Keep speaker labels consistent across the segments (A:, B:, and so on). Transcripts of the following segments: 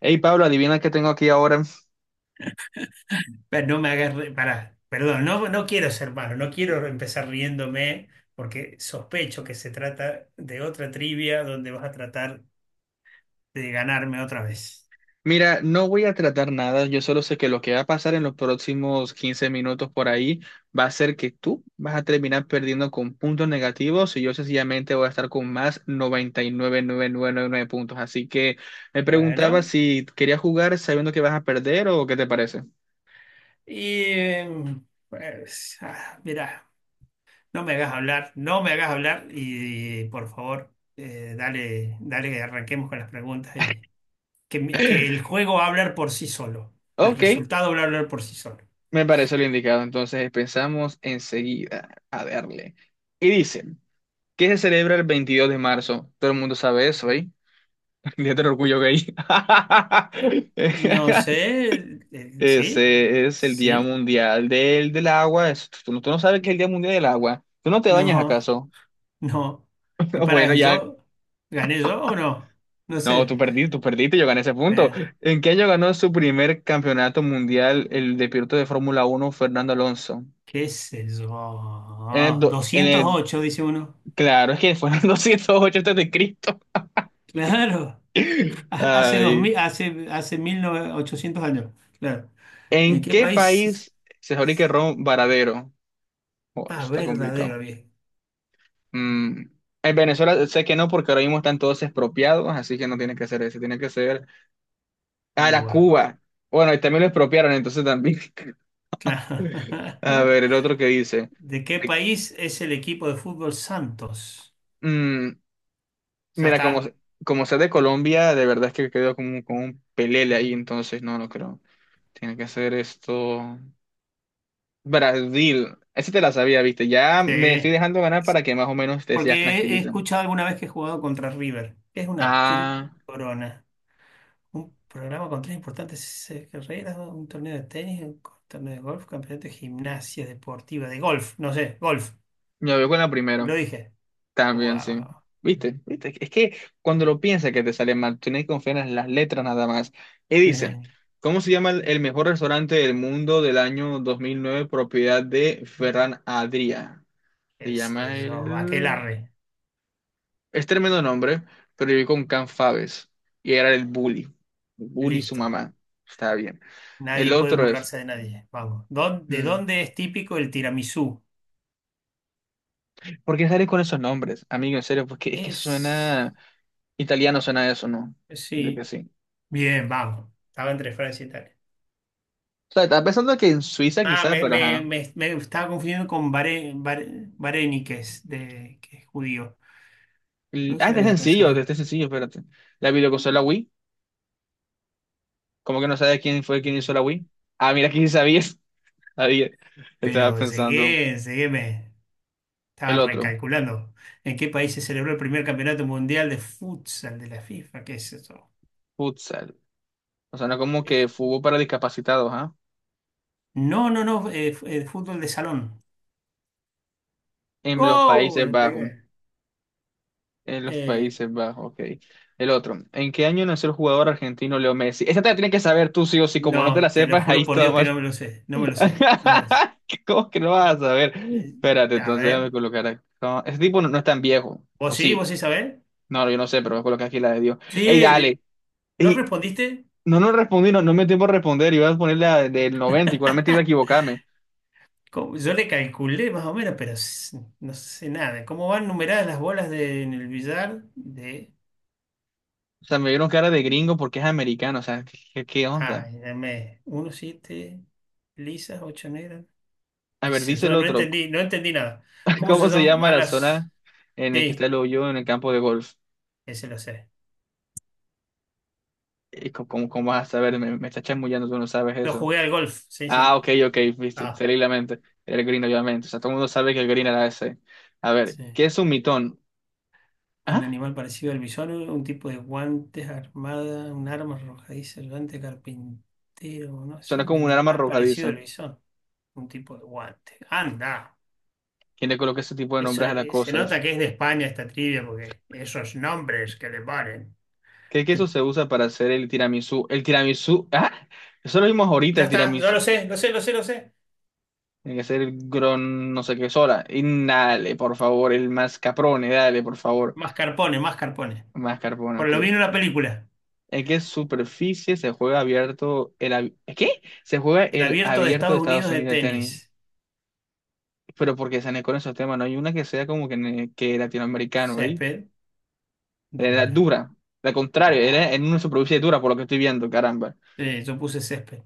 A: Hey Pablo, adivina qué tengo aquí ahora.
B: Pero no me hagas pará, perdón, no, no quiero ser malo, no quiero empezar riéndome porque sospecho que se trata de otra trivia donde vas a tratar de ganarme otra vez.
A: Mira, no voy a tratar nada, yo solo sé que lo que va a pasar en los próximos 15 minutos por ahí va a ser que tú vas a terminar perdiendo con puntos negativos y yo sencillamente voy a estar con más 99.999 puntos. Así que me preguntaba
B: Bueno,
A: si querías jugar sabiendo que vas a perder o qué te parece.
B: y pues, mirá, no me hagas hablar, no me hagas hablar y, por favor, dale, dale que arranquemos con las preguntas y que el juego va a hablar por sí solo, el
A: Ok,
B: resultado va a hablar por sí solo.
A: me parece lo indicado. Entonces pensamos enseguida a darle. Y dice, ¿qué se celebra el 22 de marzo? Todo el mundo sabe eso, ¿eh? Día del orgullo gay.
B: No sé, ¿sí?
A: Ese es el Día
B: ¿Sí?
A: Mundial del Agua. Tú, no, tú no sabes que es el Día Mundial del Agua. ¿Tú no te bañas
B: No,
A: acaso?
B: no. Y para,
A: Bueno, ya.
B: ¿yo gané yo o no? No
A: No,
B: sé.
A: tú perdiste, yo gané ese punto.
B: Eh,
A: ¿En qué año ganó su primer campeonato mundial el de piloto de Fórmula Uno Fernando Alonso?
B: ¿Qué sé
A: En el,
B: yo?
A: do- en
B: doscientos
A: el-
B: ocho dice uno.
A: Claro, es que fue en el 208 antes de Cristo.
B: Claro. Ha- Hace dos
A: Ay.
B: mil, hace, hace 1800 años. Claro. ¿En
A: ¿En
B: qué
A: qué
B: país?
A: país se fabrica el ron Varadero? Oh, eso
B: Ah,
A: está complicado.
B: verdadero, bien.
A: Mm, en Venezuela sé que no, porque ahora mismo están todos expropiados, así que no tiene que ser ese, tiene que ser a la
B: Uva.
A: Cuba. Bueno, y también lo expropiaron, entonces también.
B: Claro.
A: A ver, el otro que dice.
B: ¿De qué
A: de-
B: país es el equipo de fútbol Santos?
A: mm,
B: Ya
A: mira, como,
B: está.
A: como sea de Colombia, de verdad es que quedó como, como un pelele ahí, entonces no lo creo. Tiene que ser esto. Brasil. Ese te la sabía, viste. Ya me estoy
B: Sí.
A: dejando ganar para que más o menos te
B: Porque
A: seas
B: he
A: tranquilito.
B: escuchado alguna vez que he jugado contra River. Es una triple
A: Ah,
B: corona. Un programa con tres importantes carreras, ¿no? Un torneo de tenis, un torneo de golf, campeonato de gimnasia deportiva, de golf, no sé, golf,
A: me voy con la primera.
B: lo dije.
A: También, sí.
B: Wow.
A: ¿Viste? ¿Viste? Es que cuando lo piensas que te sale mal, tienes que confiar en las letras nada más. Y dice,
B: Eh,
A: ¿cómo se llama el mejor restaurante del mundo del año 2009 propiedad de Ferran Adrià?
B: ¿Qué
A: Se
B: es
A: llama
B: eso?
A: el.
B: Aquelarre,
A: Es tremendo nombre, pero viví con Can Faves. Y era el bully. El bully y su
B: listo.
A: mamá. Está bien.
B: Nadie
A: El
B: puede
A: otro es.
B: burlarse de nadie. Vamos. ¿De
A: mm,
B: dónde es típico el tiramisú?
A: ¿Por qué sales con esos nombres? Amigo, en serio, porque es que
B: Es...
A: suena. Italiano suena eso, ¿no? De que
B: Sí.
A: sí.
B: Bien, vamos. Estaba entre Francia y Italia.
A: O sea, estaba pensando que en Suiza
B: Ah,
A: quizás,
B: me,
A: pero
B: me-
A: ajá.
B: me- me estaba confundiendo con Vareniques, de, que es judío.
A: Ah,
B: Produce la había.
A: este es sencillo, espérate. La videoconsola Wii. ¿Cómo que no sabes quién fue quien hizo la Wii? Ah, mira, aquí sí sabías. Sabía. Estaba
B: Pero
A: pensando
B: llegué, me estaba
A: el otro.
B: recalculando en qué país se celebró el primer campeonato mundial de futsal de la FIFA. ¿Qué es eso?
A: Futsal. O sea, no como que
B: ¿Es?
A: fútbol para discapacitados, ¿ah?
B: No, no, no, fútbol de salón.
A: En los
B: ¡Oh!
A: Países
B: Le
A: Bajos.
B: pegué.
A: En los
B: Eh,
A: Países Bajos, ok. El otro. ¿En qué año nació el jugador argentino Leo Messi? Esa te la tienes que saber tú sí o sí. Como no te la
B: no, te lo
A: sepas, ahí
B: juro por
A: está.
B: Dios que no me lo sé, no me lo sé, no me lo sé.
A: ¿Cómo que no vas a saber?
B: Eh,
A: Espérate,
B: a
A: entonces déjame
B: ver,
A: colocar acá. Ese tipo no, no es tan viejo, o
B: ¿vos sí?
A: sí.
B: ¿Vos sí sabés?
A: No, yo no sé, pero voy a colocar aquí la de Dios. ¡Ey,
B: Sí,
A: dale!
B: vi- ¿No
A: Y
B: respondiste?
A: no, no respondí, no, no me dio tiempo a responder. Iba a poner la del 90 y probablemente iba a equivocarme.
B: ¿Cómo? Yo le calculé más o menos, pero no sé nada. ¿Cómo van numeradas las bolas en el billar de
A: O sea, me vieron cara de gringo porque es americano. O sea, ¿onda?
B: Dame uno siete lisas, ocho negras.
A: A
B: ¿Qué
A: ver,
B: sé
A: dice el
B: yo? No
A: otro.
B: entendí, no entendí nada. ¿Cómo
A: ¿Cómo
B: se
A: se llama
B: llaman
A: la
B: las?
A: zona en la que está
B: Sí,
A: el hoyo en el campo de golf?
B: ese lo sé.
A: ¿Cómo, cómo, cómo vas a saber? Me está chamullando, tú no
B: Yo
A: sabes.
B: jugué al golf, sí,
A: Ah,
B: sí.
A: ok, ok, viste, se
B: Ah,
A: leí la mente. Era el Green, obviamente. O sea, todo el mundo sabe que el Green era ese. A ver,
B: sí.
A: ¿qué es un mitón?
B: Un
A: Ah,
B: animal parecido al bisón, un tipo de guantes armada, un arma arrojadiza, el guante carpintero, no sé,
A: suena
B: un
A: como un arma
B: animal parecido
A: arrojadiza.
B: al bisón, un tipo de guante. Anda,
A: ¿Quién le coloca ese tipo de nombres a las
B: se nota
A: cosas?
B: que es de España esta trivia porque esos nombres que le ponen.
A: ¿Qué queso
B: Eh,
A: se usa para hacer el tiramisú? El tiramisú, ah, eso lo vimos ahorita,
B: Ya
A: el
B: está, yo lo
A: tiramisú.
B: sé, lo sé, lo sé, lo sé.
A: Tiene que ser el gron, no sé qué sola. Y dale, por favor, el mascarpone, dale, por favor.
B: Mascarpone, Mascarpone.
A: Mascarpone,
B: Por
A: ok.
B: lo vi en una película.
A: ¿En qué superficie se juega abierto el... ab- ¿Qué? se juega
B: El
A: el
B: abierto de
A: abierto
B: Estados
A: de Estados
B: Unidos de
A: Unidos de tenis?
B: tenis.
A: Pero porque se con esos temas, no hay una que sea como que, que latinoamericano, ¿veis?
B: Césped
A: Era
B: dura.
A: dura, al contrario, era
B: Buah.
A: en una de dura, por lo que estoy viendo, caramba.
B: Sí, yo puse césped.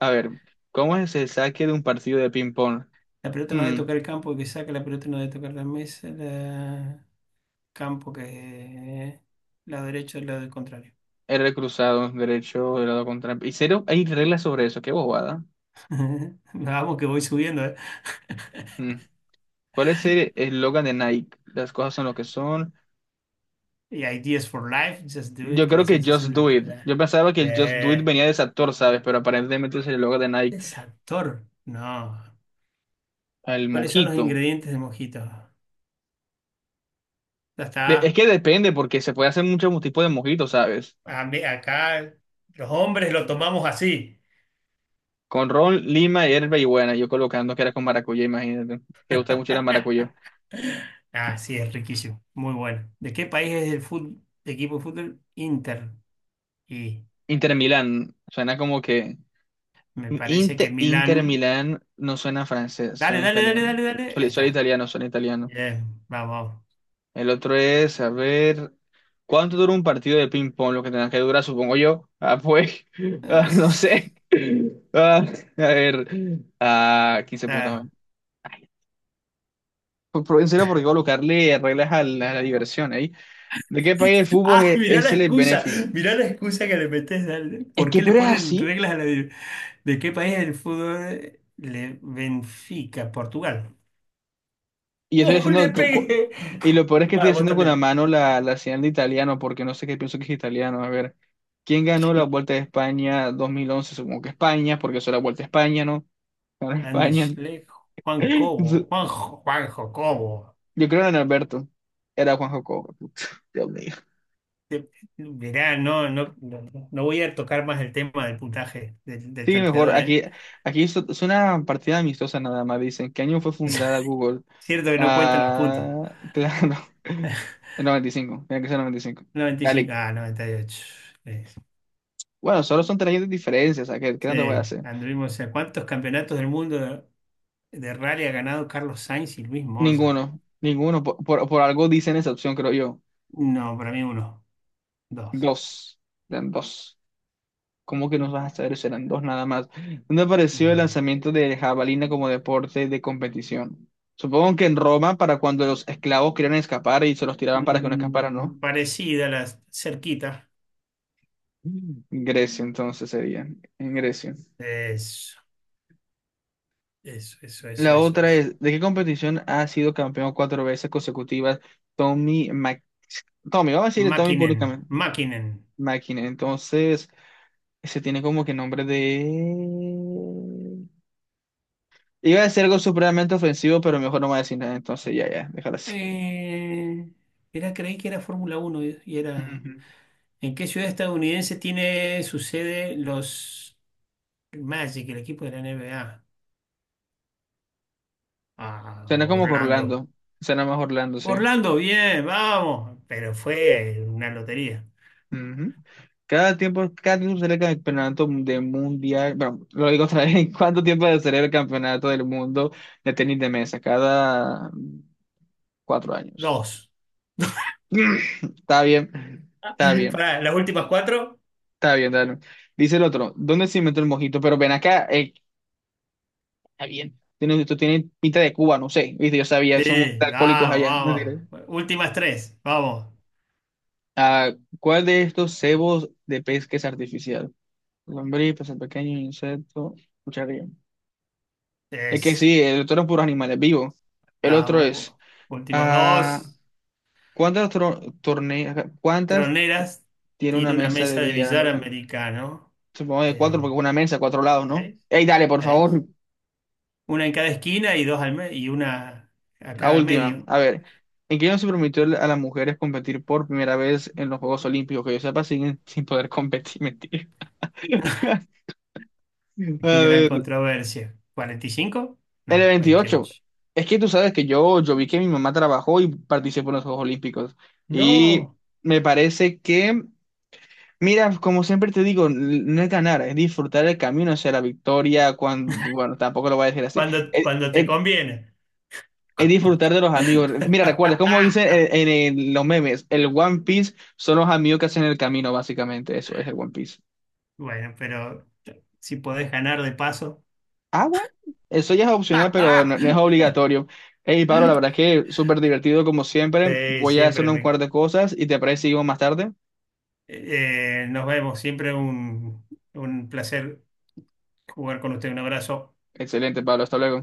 A: A ver, ¿cómo es el saque de un partido de ping-pong?
B: La pelota no debe
A: Mm,
B: tocar el campo que saca, la pelota no debe tocar la mesa, la... Campo que... Lado derecho, el lado del contrario.
A: R cruzado, derecho, de lado contra. Y cero, hay reglas sobre eso, qué bobada.
B: Vamos que voy subiendo, ¿eh?
A: Mm, ¿Cuál es el eslogan de Nike? Las cosas son lo que son.
B: Y Ideas for Life, Just Do
A: Yo
B: It, la
A: creo que Just
B: sensación de...
A: Do It.
B: Volar.
A: Yo pensaba que el Just Do It
B: Yeah.
A: venía de ese actor, ¿sabes? Pero aparentemente es el eslogan de Nike.
B: Es actor. No.
A: El
B: ¿Cuáles son los
A: mojito.
B: ingredientes de mojito? Ya
A: Es
B: está.
A: que depende, porque se puede hacer muchos tipos de mojitos, ¿sabes?
B: Acá los hombres lo tomamos así.
A: Con ron, lima, hierba y buena. Yo colocando que era con maracuyá, imagínate. Que gusta mucho era maracuyá.
B: Ah, sí, es riquísimo. Muy bueno. ¿De qué país es el equipo de fútbol? Inter. Y
A: Inter Milán, suena como que.
B: me parece que
A: Inter, Inter
B: Milán.
A: Milán no suena francés,
B: Dale,
A: suena
B: dale, dale,
A: italiano.
B: dale, dale. Ahí
A: Suena, suena
B: está.
A: italiano, suena italiano.
B: Bien, vamos.
A: El otro es, a ver. ¿Cuánto dura un partido de ping-pong? Lo que tenga que durar, supongo yo. Ah, pues. ah, no
B: Es-
A: sé. Ah, a ver. Ah, 15 puntos.
B: Ah,
A: En serio, porque voy a colocarle reglas a la diversión ahí. ¿De qué país el fútbol
B: Ah,
A: es,
B: mirá la
A: es el
B: excusa.
A: beneficio?
B: Mirá la excusa que le metés. Dale.
A: Es
B: ¿Por
A: que
B: qué le
A: pero es
B: ponen
A: así.
B: reglas a la...? ¿De qué país es el fútbol? Le... Benfica, Portugal.
A: Y yo estoy
B: ¡Uh, le
A: haciendo.
B: pegué!
A: Y lo peor es que estoy
B: Va, vos
A: haciendo con la
B: también.
A: mano la señal de italiano, porque no sé qué pienso que es italiano. A ver, ¿quién ganó la Vuelta de España 2011? Supongo que España, porque eso era Vuelta a España, ¿no? Ganó
B: Andy
A: España.
B: Schleck, Juan Cobo, Juanjo, Juanjo Cobo.
A: Yo creo que era Alberto. Era Juan Jacobo. Dios mío.
B: Te- Mirá, no, no, no, no voy a tocar más el tema del puntaje del
A: Sí, mejor.
B: tanteador,
A: Aquí,
B: ¿eh?
A: aquí es una partida amistosa nada más. Dicen, ¿qué año fue fundada Google?
B: Cierto que no cuentan los puntos.
A: Ah, claro. 95, tiene que ser 95. Dale.
B: 95, ah, 98. Eh,
A: Bueno, solo son 3 años de diferencia, o sea, ¿qué, qué
B: Sí,
A: no te voy a hacer?
B: anduvimos, o sea, ¿cuántos campeonatos del mundo de rally ha ganado Carlos Sainz y Luis Moya?
A: Ninguno, ninguno. Por algo dicen esa opción, creo yo.
B: No, para mí uno, dos.
A: Dos, eran dos. ¿Cómo que nos vas a saber? Serán dos nada más. ¿Dónde apareció el
B: Mm,
A: lanzamiento de jabalina como deporte de competición? Supongo que en Roma, para cuando los esclavos querían escapar y se los tiraban para que no escaparan, ¿no?
B: parecida, la cerquita.
A: En Grecia, entonces sería. En Grecia.
B: Eso, eso, eso, eso,
A: La
B: eso
A: otra
B: es.
A: es, ¿de qué competición ha sido campeón cuatro veces consecutivas Tommy Mac Tommy, vamos a decirle Tommy
B: Mäkkinen,
A: públicamente.
B: Mäkkinen.
A: Máquina. Entonces, ese tiene como que nombre de. Iba a decir algo supremamente ofensivo, pero mejor no me voy a decir nada. Entonces, ya, ya, déjalo así.
B: Eh, era, creí que era Fórmula uno y era...
A: Ujú.
B: ¿En qué ciudad estadounidense tiene su sede los Magic, el equipo de la NBA? Ah,
A: Suena como que Orlando.
B: Orlando.
A: Suena más Orlando, sí.
B: Orlando, bien, vamos. Pero fue una lotería.
A: Ujú. Cada tiempo se celebra el campeonato de mundial. Bueno, lo digo otra vez. ¿Cuánto tiempo se celebra el campeonato del mundo de tenis de mesa? Cada 4 años.
B: Dos.
A: Está bien, está bien,
B: Para las últimas cuatro.
A: está bien, dale. Dice el otro, ¿dónde se inventó el mojito? Pero ven acá, está bien. Tiene, esto tiene pinta de Cuba, no sé. Viste, yo sabía, son
B: Sí,
A: alcohólicos
B: vamos,
A: allá. No.
B: vamos. Últimas tres, vamos.
A: ¿Cuál de estos cebos de pesca es artificial? Lombriz, pez pequeño, insecto, cucharilla. Es que
B: Es,
A: sí, el otro es puros animales vivos. El otro
B: vamos.
A: es,
B: Últimos
A: ah,
B: dos.
A: ¿cuántas
B: Troneras
A: tiene una
B: tiene una
A: mesa de
B: mesa de
A: billar
B: billar
A: americano?
B: americano.
A: Supongo de cuatro,
B: eh,
A: porque es una mesa, cuatro lados, ¿no?
B: ¿Sabés?
A: Ey, dale, por
B: ¿Sabés?
A: favor.
B: Una en cada esquina y dos al y una a
A: La
B: cada
A: última,
B: medio.
A: a ver, ¿en qué año se permitió a las mujeres competir por primera vez en los Juegos Olímpicos? Que yo sepa, siguen sin poder competir, mentira.
B: Qué
A: A
B: gran
A: ver,
B: controversia. ¿45?
A: en el
B: No,
A: 28.
B: veintiocho.
A: Es que tú sabes que yo vi que mi mamá trabajó y participó en los Juegos Olímpicos. Y
B: No,
A: me parece que, mira, como siempre te digo, no es ganar, es disfrutar el camino hacia la victoria cuando, bueno, tampoco lo voy a decir así.
B: cuando, cuando te conviene.
A: Es disfrutar de los amigos. Mira, recuerda, como dice en, los memes, el One Piece son los amigos que hacen el camino, básicamente. Eso es el One Piece.
B: Bueno, pero si podés ganar de paso.
A: Ah, bueno, eso ya es opcional, pero no, no es obligatorio. Hey, Pablo, la verdad es que súper divertido como siempre.
B: Sí,
A: Voy a hacer
B: siempre
A: un
B: me...
A: par de cosas y te parece que seguimos más tarde.
B: nos vemos, siempre un placer jugar con usted. Un abrazo.
A: Excelente, Pablo, hasta luego.